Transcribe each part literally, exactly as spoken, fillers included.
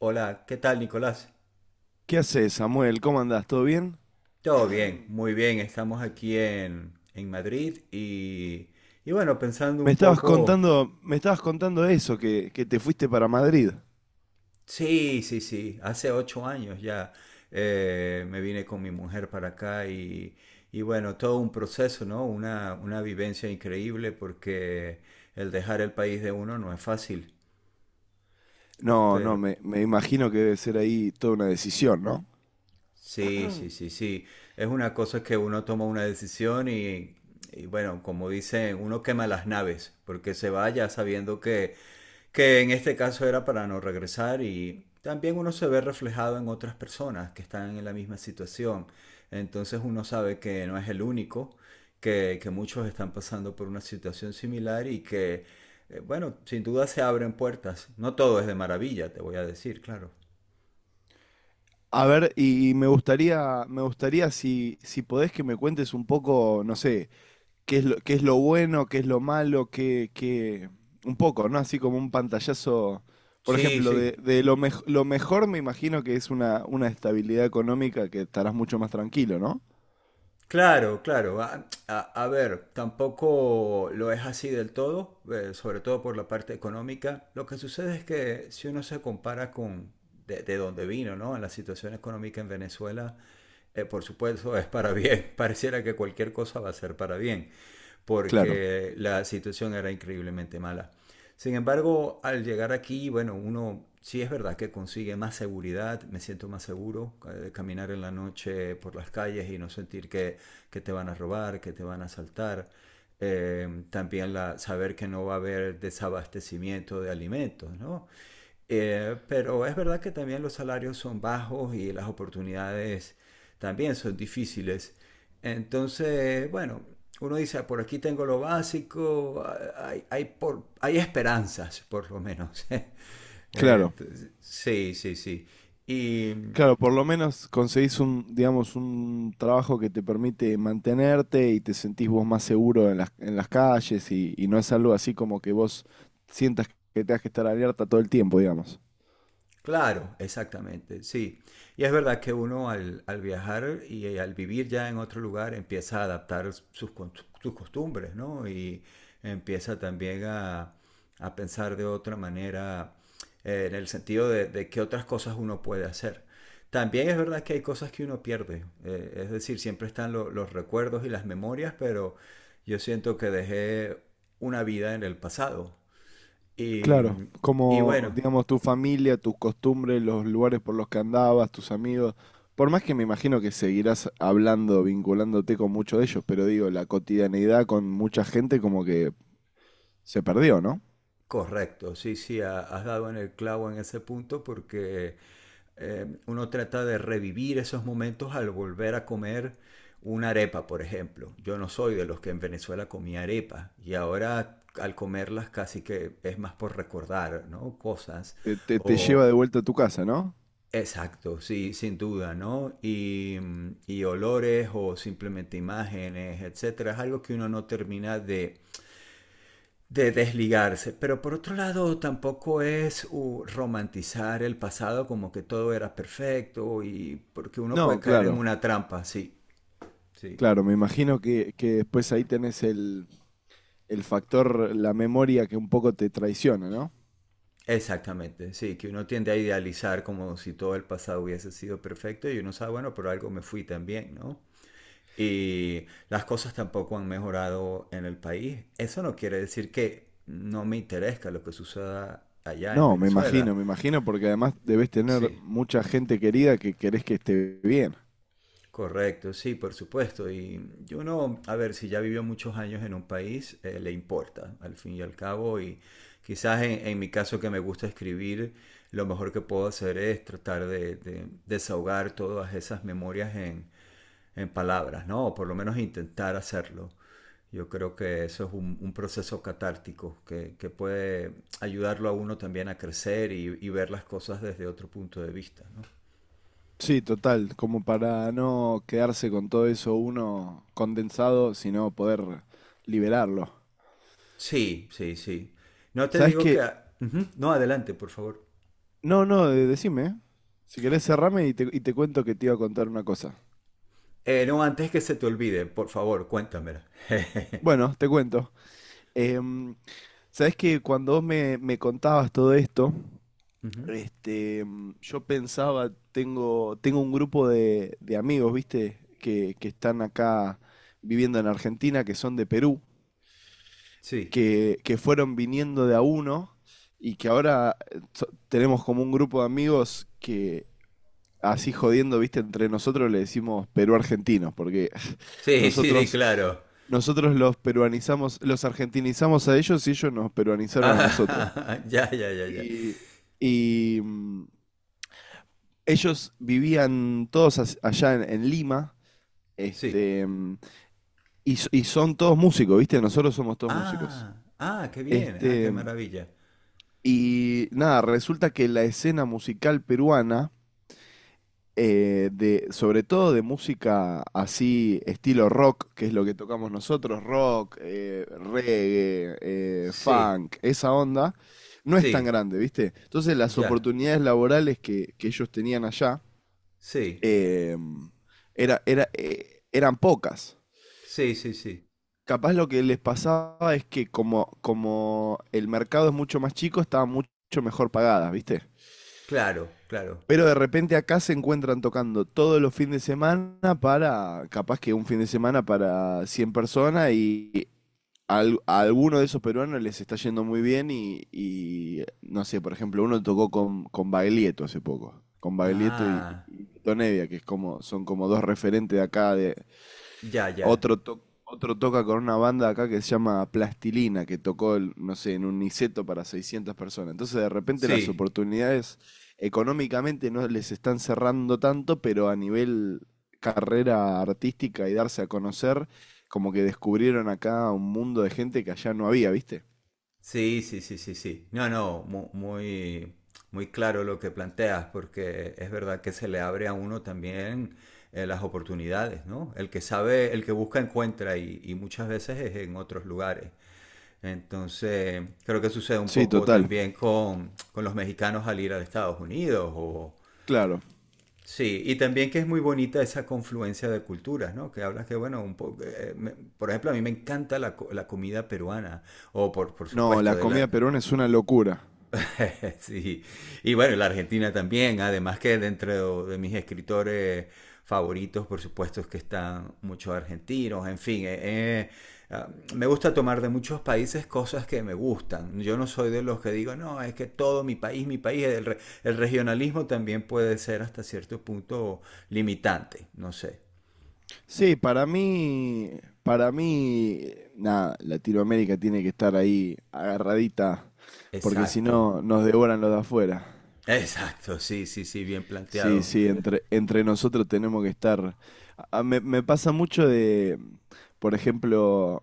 Hola, ¿qué tal, Nicolás? ¿Qué haces, Samuel? ¿Cómo andás? ¿Todo bien? Todo bien, muy bien. Estamos aquí en, en Madrid y, y bueno, pensando Me un estabas poco, contando, me estabas contando eso, que, que te fuiste para Madrid. sí, sí, sí, hace ocho años ya. Eh, me vine con mi mujer para acá y, y bueno, todo un proceso, ¿no? Una, una vivencia increíble porque el dejar el país de uno no es fácil, No, no, pero me, me imagino que debe ser ahí toda una decisión, ¿no? sí, sí, sí, sí. Es una cosa que uno toma una decisión y, y bueno, como dicen, uno quema las naves porque se va ya sabiendo que, que en este caso era para no regresar, y también uno se ve reflejado en otras personas que están en la misma situación. Entonces uno sabe que no es el único, que, que muchos están pasando por una situación similar y que, eh, bueno, sin duda se abren puertas. No todo es de maravilla, te voy a decir, claro. A ver, y, y me gustaría, me gustaría si, si podés que me cuentes un poco, no sé, qué es lo, qué es lo bueno, qué es lo malo, qué, qué, un poco, ¿no? Así como un pantallazo, por Sí, ejemplo, de, sí. de lo, mej- lo mejor me imagino que es una, una estabilidad económica que estarás mucho más tranquilo, ¿no? Claro, claro. A, a- a ver, tampoco lo es así del todo, eh, sobre todo por la parte económica. Lo que sucede es que si uno se compara con de, de dónde vino, ¿no? En la situación económica en Venezuela, eh, por supuesto es para bien. Pareciera que cualquier cosa va a ser para bien, Claro, porque la situación era increíblemente mala. Sin embargo, al llegar aquí, bueno, uno sí es verdad que consigue más seguridad, me siento más seguro eh, de caminar en la noche por las calles y no sentir que, que te van a robar, que te van a asaltar. Eh, también la, saber que no va a haber desabastecimiento de alimentos, ¿no? Eh, pero es verdad que también los salarios son bajos y las oportunidades también son difíciles. Entonces, bueno, uno dice, "Ah, por aquí tengo lo básico, ah, hay, hay por, hay esperanzas, por lo menos". claro. Entonces, sí, sí, sí. Y, Claro, por lo menos conseguís un, digamos, un trabajo que te permite mantenerte y te sentís vos más seguro en las, en las calles y, y no es algo así como que vos sientas que tengas que estar alerta todo el tiempo, digamos. claro, exactamente, sí. Y es verdad que uno al, al viajar y eh, al vivir ya en otro lugar empieza a adaptar sus, con- sus costumbres, ¿no? Y empieza también a, a pensar de otra manera, eh, en el sentido de, de qué otras cosas uno puede hacer. También es verdad que hay cosas que uno pierde, eh, es decir, siempre están lo- los recuerdos y las memorias, pero yo siento que dejé una vida en el pasado. Y, Claro, y como, bueno, digamos, tu familia, tus costumbres, los lugares por los que andabas, tus amigos, por más que me imagino que seguirás hablando, vinculándote con muchos de ellos, pero digo, la cotidianidad con mucha gente como que se perdió, ¿no? correcto, sí, sí, ha- has dado en el clavo en ese punto porque eh, uno trata de revivir esos momentos al volver a comer una arepa, por ejemplo. Yo no soy de los que en Venezuela comía arepa, y ahora al comerlas casi que es más por recordar, ¿no? Cosas Te, te- te o... lleva de vuelta a tu casa, ¿no? Exacto, sí, sin duda, ¿no? Y, mm, y olores o simplemente imágenes, etcétera, es algo que uno no termina de de desligarse, pero por otro lado tampoco es uh, romantizar el pasado como que todo era perfecto y porque uno puede No, caer en claro, una trampa, sí, sí, claro, me imagino que, que después ahí tenés el, el factor, la memoria que un poco te traiciona, ¿no? exactamente, sí, que uno tiende a idealizar como si todo el pasado hubiese sido perfecto, y uno sabe, bueno, pero algo me fui también, ¿no? Y las cosas tampoco han mejorado en el país. Eso no quiere decir que no me interesa lo que suceda allá en No, me Venezuela. imagino, me imagino, porque además debes tener Sí, mucha gente querida que querés que esté bien. correcto, sí, por supuesto. Y yo no, a ver, si ya vivió muchos años en un país, eh, le importa, al fin y al cabo. Y quizás en, en mi caso que me gusta escribir, lo mejor que puedo hacer es tratar de, de desahogar todas esas memorias en, en palabras, ¿no? O por lo menos intentar hacerlo. Yo creo que eso es un, un proceso catártico que, que puede ayudarlo a uno también a crecer y, y ver las cosas desde otro punto de vista, ¿no? Sí, total, como para no quedarse con todo eso uno condensado, sino poder liberarlo. Sí, sí, sí. No te ¿Sabes digo que... qué? Ujú. No, adelante, por favor. No, no, de- decime. Si querés, cerrame y te, y te cuento que te iba a contar una cosa. Eh, no, antes que se te olvide, por favor, cuéntamela. Bueno, te cuento. Em, sabés que cuando vos me, me contabas todo esto, Ujú. este, em, yo pensaba, tengo, tengo un grupo de, de amigos, ¿viste? Que, que están acá viviendo en Argentina, que son de Perú, Sí. que, que fueron viniendo de a uno y que ahora eh, so- tenemos como un grupo de amigos que, así jodiendo, viste, entre nosotros le decimos perú-argentinos, porque Sí, sí, sí, nosotros, claro. nosotros los peruanizamos, los argentinizamos a ellos y ellos nos peruanizaron a nosotros. Ah, ya, ya, ya, ya. Y, y, mm, ellos vivían todos as- allá en, en Lima, Sí. este, mm, y, s- y son todos músicos, viste, nosotros somos todos músicos. Ah, ah, qué bien. Ah, qué Este, maravilla. y nada, resulta que la escena musical peruana eh, de, sobre todo de música así, estilo rock, que es lo que tocamos nosotros, rock, eh, reggae, eh, Sí, funk, esa onda, no es tan sí, grande, ¿viste? Entonces las ya. oportunidades laborales que, que ellos tenían allá Sí, eh, era, era, eh, eran pocas. sí, sí, sí. Capaz lo que les pasaba es que como, como el mercado es mucho más chico, estaban mucho mejor pagadas, ¿viste? Claro, claro. Pero de repente acá se encuentran tocando todos los fines de semana para, capaz que un fin de semana para cien personas y al- a alguno de esos peruanos les está yendo muy bien y, y, no sé, por ejemplo, uno tocó con, con Baglietto hace poco, con Baglietto y, Ah, y Tito Nevia, que es como, son como dos referentes de acá de, ya, ya. otro, to- otro toca con una banda acá que se llama Plastilina, que tocó, el- no sé, en un Niceto para seiscientas personas. Entonces, de repente, las Sí, oportunidades económicamente no les están cerrando tanto, pero a nivel carrera artística y darse a conocer, como que descubrieron acá un mundo de gente que allá no había, ¿viste? sí, sí, sí, sí, sí. No, no, mu- muy, muy claro lo que planteas, porque es verdad que se le abre a uno también, eh, las oportunidades, ¿no? El que sabe, el que busca encuentra, y, y muchas veces es en otros lugares. Entonces, creo que sucede un Sí, poco total, también con, con los mexicanos al ir a Estados Unidos o... claro. Sí, y también que es muy bonita esa confluencia de culturas, ¿no? Que hablas que, bueno, un po- eh, me- por ejemplo, a mí me encanta la, co- la comida peruana, o por, por No, la supuesto, de la, comida peruana es una locura. sí, y bueno, y la Argentina también, además que dentro de mis escritores favoritos, por supuesto, es que están muchos argentinos, en fin, eh, eh, ah, me gusta tomar de muchos países cosas que me gustan. Yo no soy de los que digo, no, es que todo mi país, mi país, el, re- el regionalismo también puede ser hasta cierto punto limitante, no sé. Sí, para mí, para mí, nada, Latinoamérica tiene que estar ahí agarradita, porque si Exacto, no nos devoran los de afuera. exacto, sí, sí, sí, bien Sí, planteado. sí, entre, entre nosotros tenemos que estar. A- a- me, me pasa mucho de, por ejemplo,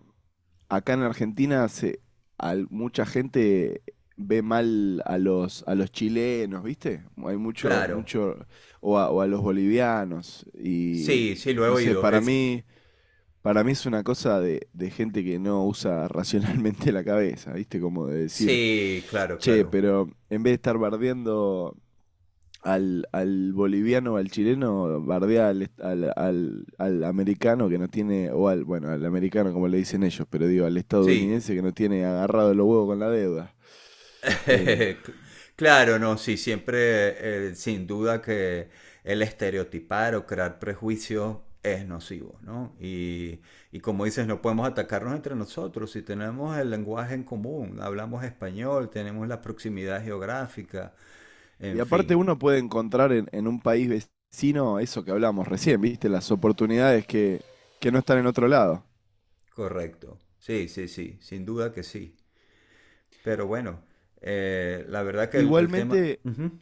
acá en Argentina se, al- mucha gente ve mal a los, a los chilenos, ¿viste? Hay mucho, Claro, mucho, o a, o a los bolivianos, y sí, sí, lo he no sé, oído. para Es, mí... Para mí es una cosa de, de gente que no usa racionalmente la cabeza, ¿viste? Como de decir, sí, claro, che, claro. pero en vez de estar bardeando al, al boliviano o al chileno, bardea al, est- al, al- al americano que no tiene, o al, bueno, al americano como le dicen ellos, pero digo, al Sí, estadounidense que no tiene agarrado los huevos con la deuda. Eh, claro, no, sí, siempre, eh, sin duda que el estereotipar o crear prejuicios es nocivo, ¿no? Y, y como dices, no podemos atacarnos entre nosotros si tenemos el lenguaje en común, hablamos español, tenemos la proximidad geográfica, y en aparte fin, uno puede encontrar en, en un país vecino eso que hablamos recién, ¿viste? Las oportunidades que, que no están en otro lado. correcto. Sí, sí, sí, sin duda que sí. Pero bueno, eh, la verdad que el, el tema... Igualmente, Ujú.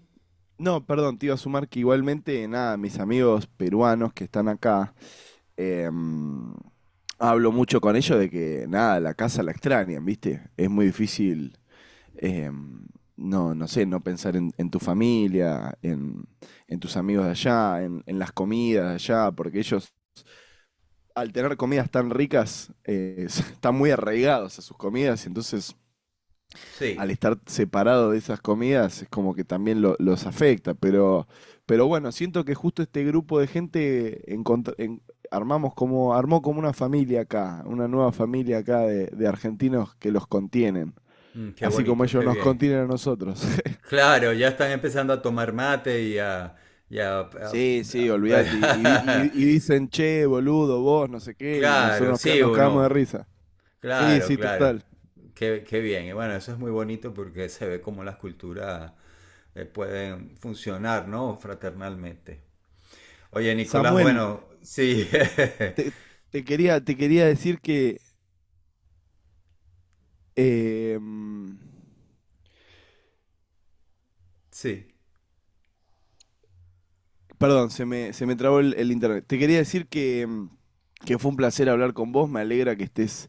no, perdón, te iba a sumar que igualmente, nada, mis amigos peruanos que están acá, em, hablo mucho con ellos de que, nada, la casa la extrañan, ¿viste? Es muy difícil, em, no, no sé, no pensar en, en tu familia, en, en tus amigos de allá, en, en las comidas de allá, porque ellos, al tener comidas tan ricas, eh, están muy arraigados a sus comidas y entonces al Sí. estar separado de esas comidas es como que también lo- los afecta, pero, pero bueno, siento que justo este grupo de gente encontr- en- armamos como, armó como una familia acá, una nueva familia acá de, de argentinos que los contienen, Mm, qué así como bonito, ellos qué nos bien. contienen a nosotros. Claro, ya están empezando a tomar mate y a... y a- a- Sí, sí, olvídate, y, y- a- y- y dicen, che, boludo, vos, no sé qué, y nosotros claro, nos, ca- sí nos o cagamos de no. risa. Sí, Claro, sí, claro. total. Qué, qué bien. Y bueno, eso es muy bonito porque se ve cómo las culturas, eh, pueden funcionar, ¿no? Fraternalmente. Oye, Nicolás, Samuel, bueno, sí. te, te quería, te quería decir que... em, Sí. perdón, se me, se me trabó el, el internet. Te quería decir que, mm, que fue un placer hablar con vos. Me alegra que estés,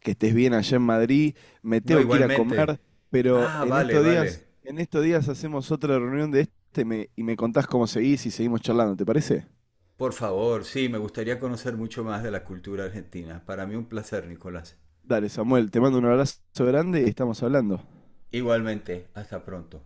que estés bien allá en Madrid. Me No, tengo que ir a igualmente. comer, pero Ah, en vale, estos vale. días, en estos días hacemos otra reunión de este y me, y me contás cómo seguís y seguimos charlando, ¿te parece? Por favor, sí, me gustaría conocer mucho más de la cultura argentina. Para mí un placer, Nicolás. Dale, Samuel, te mando un abrazo grande y estamos hablando. Igualmente, hasta pronto.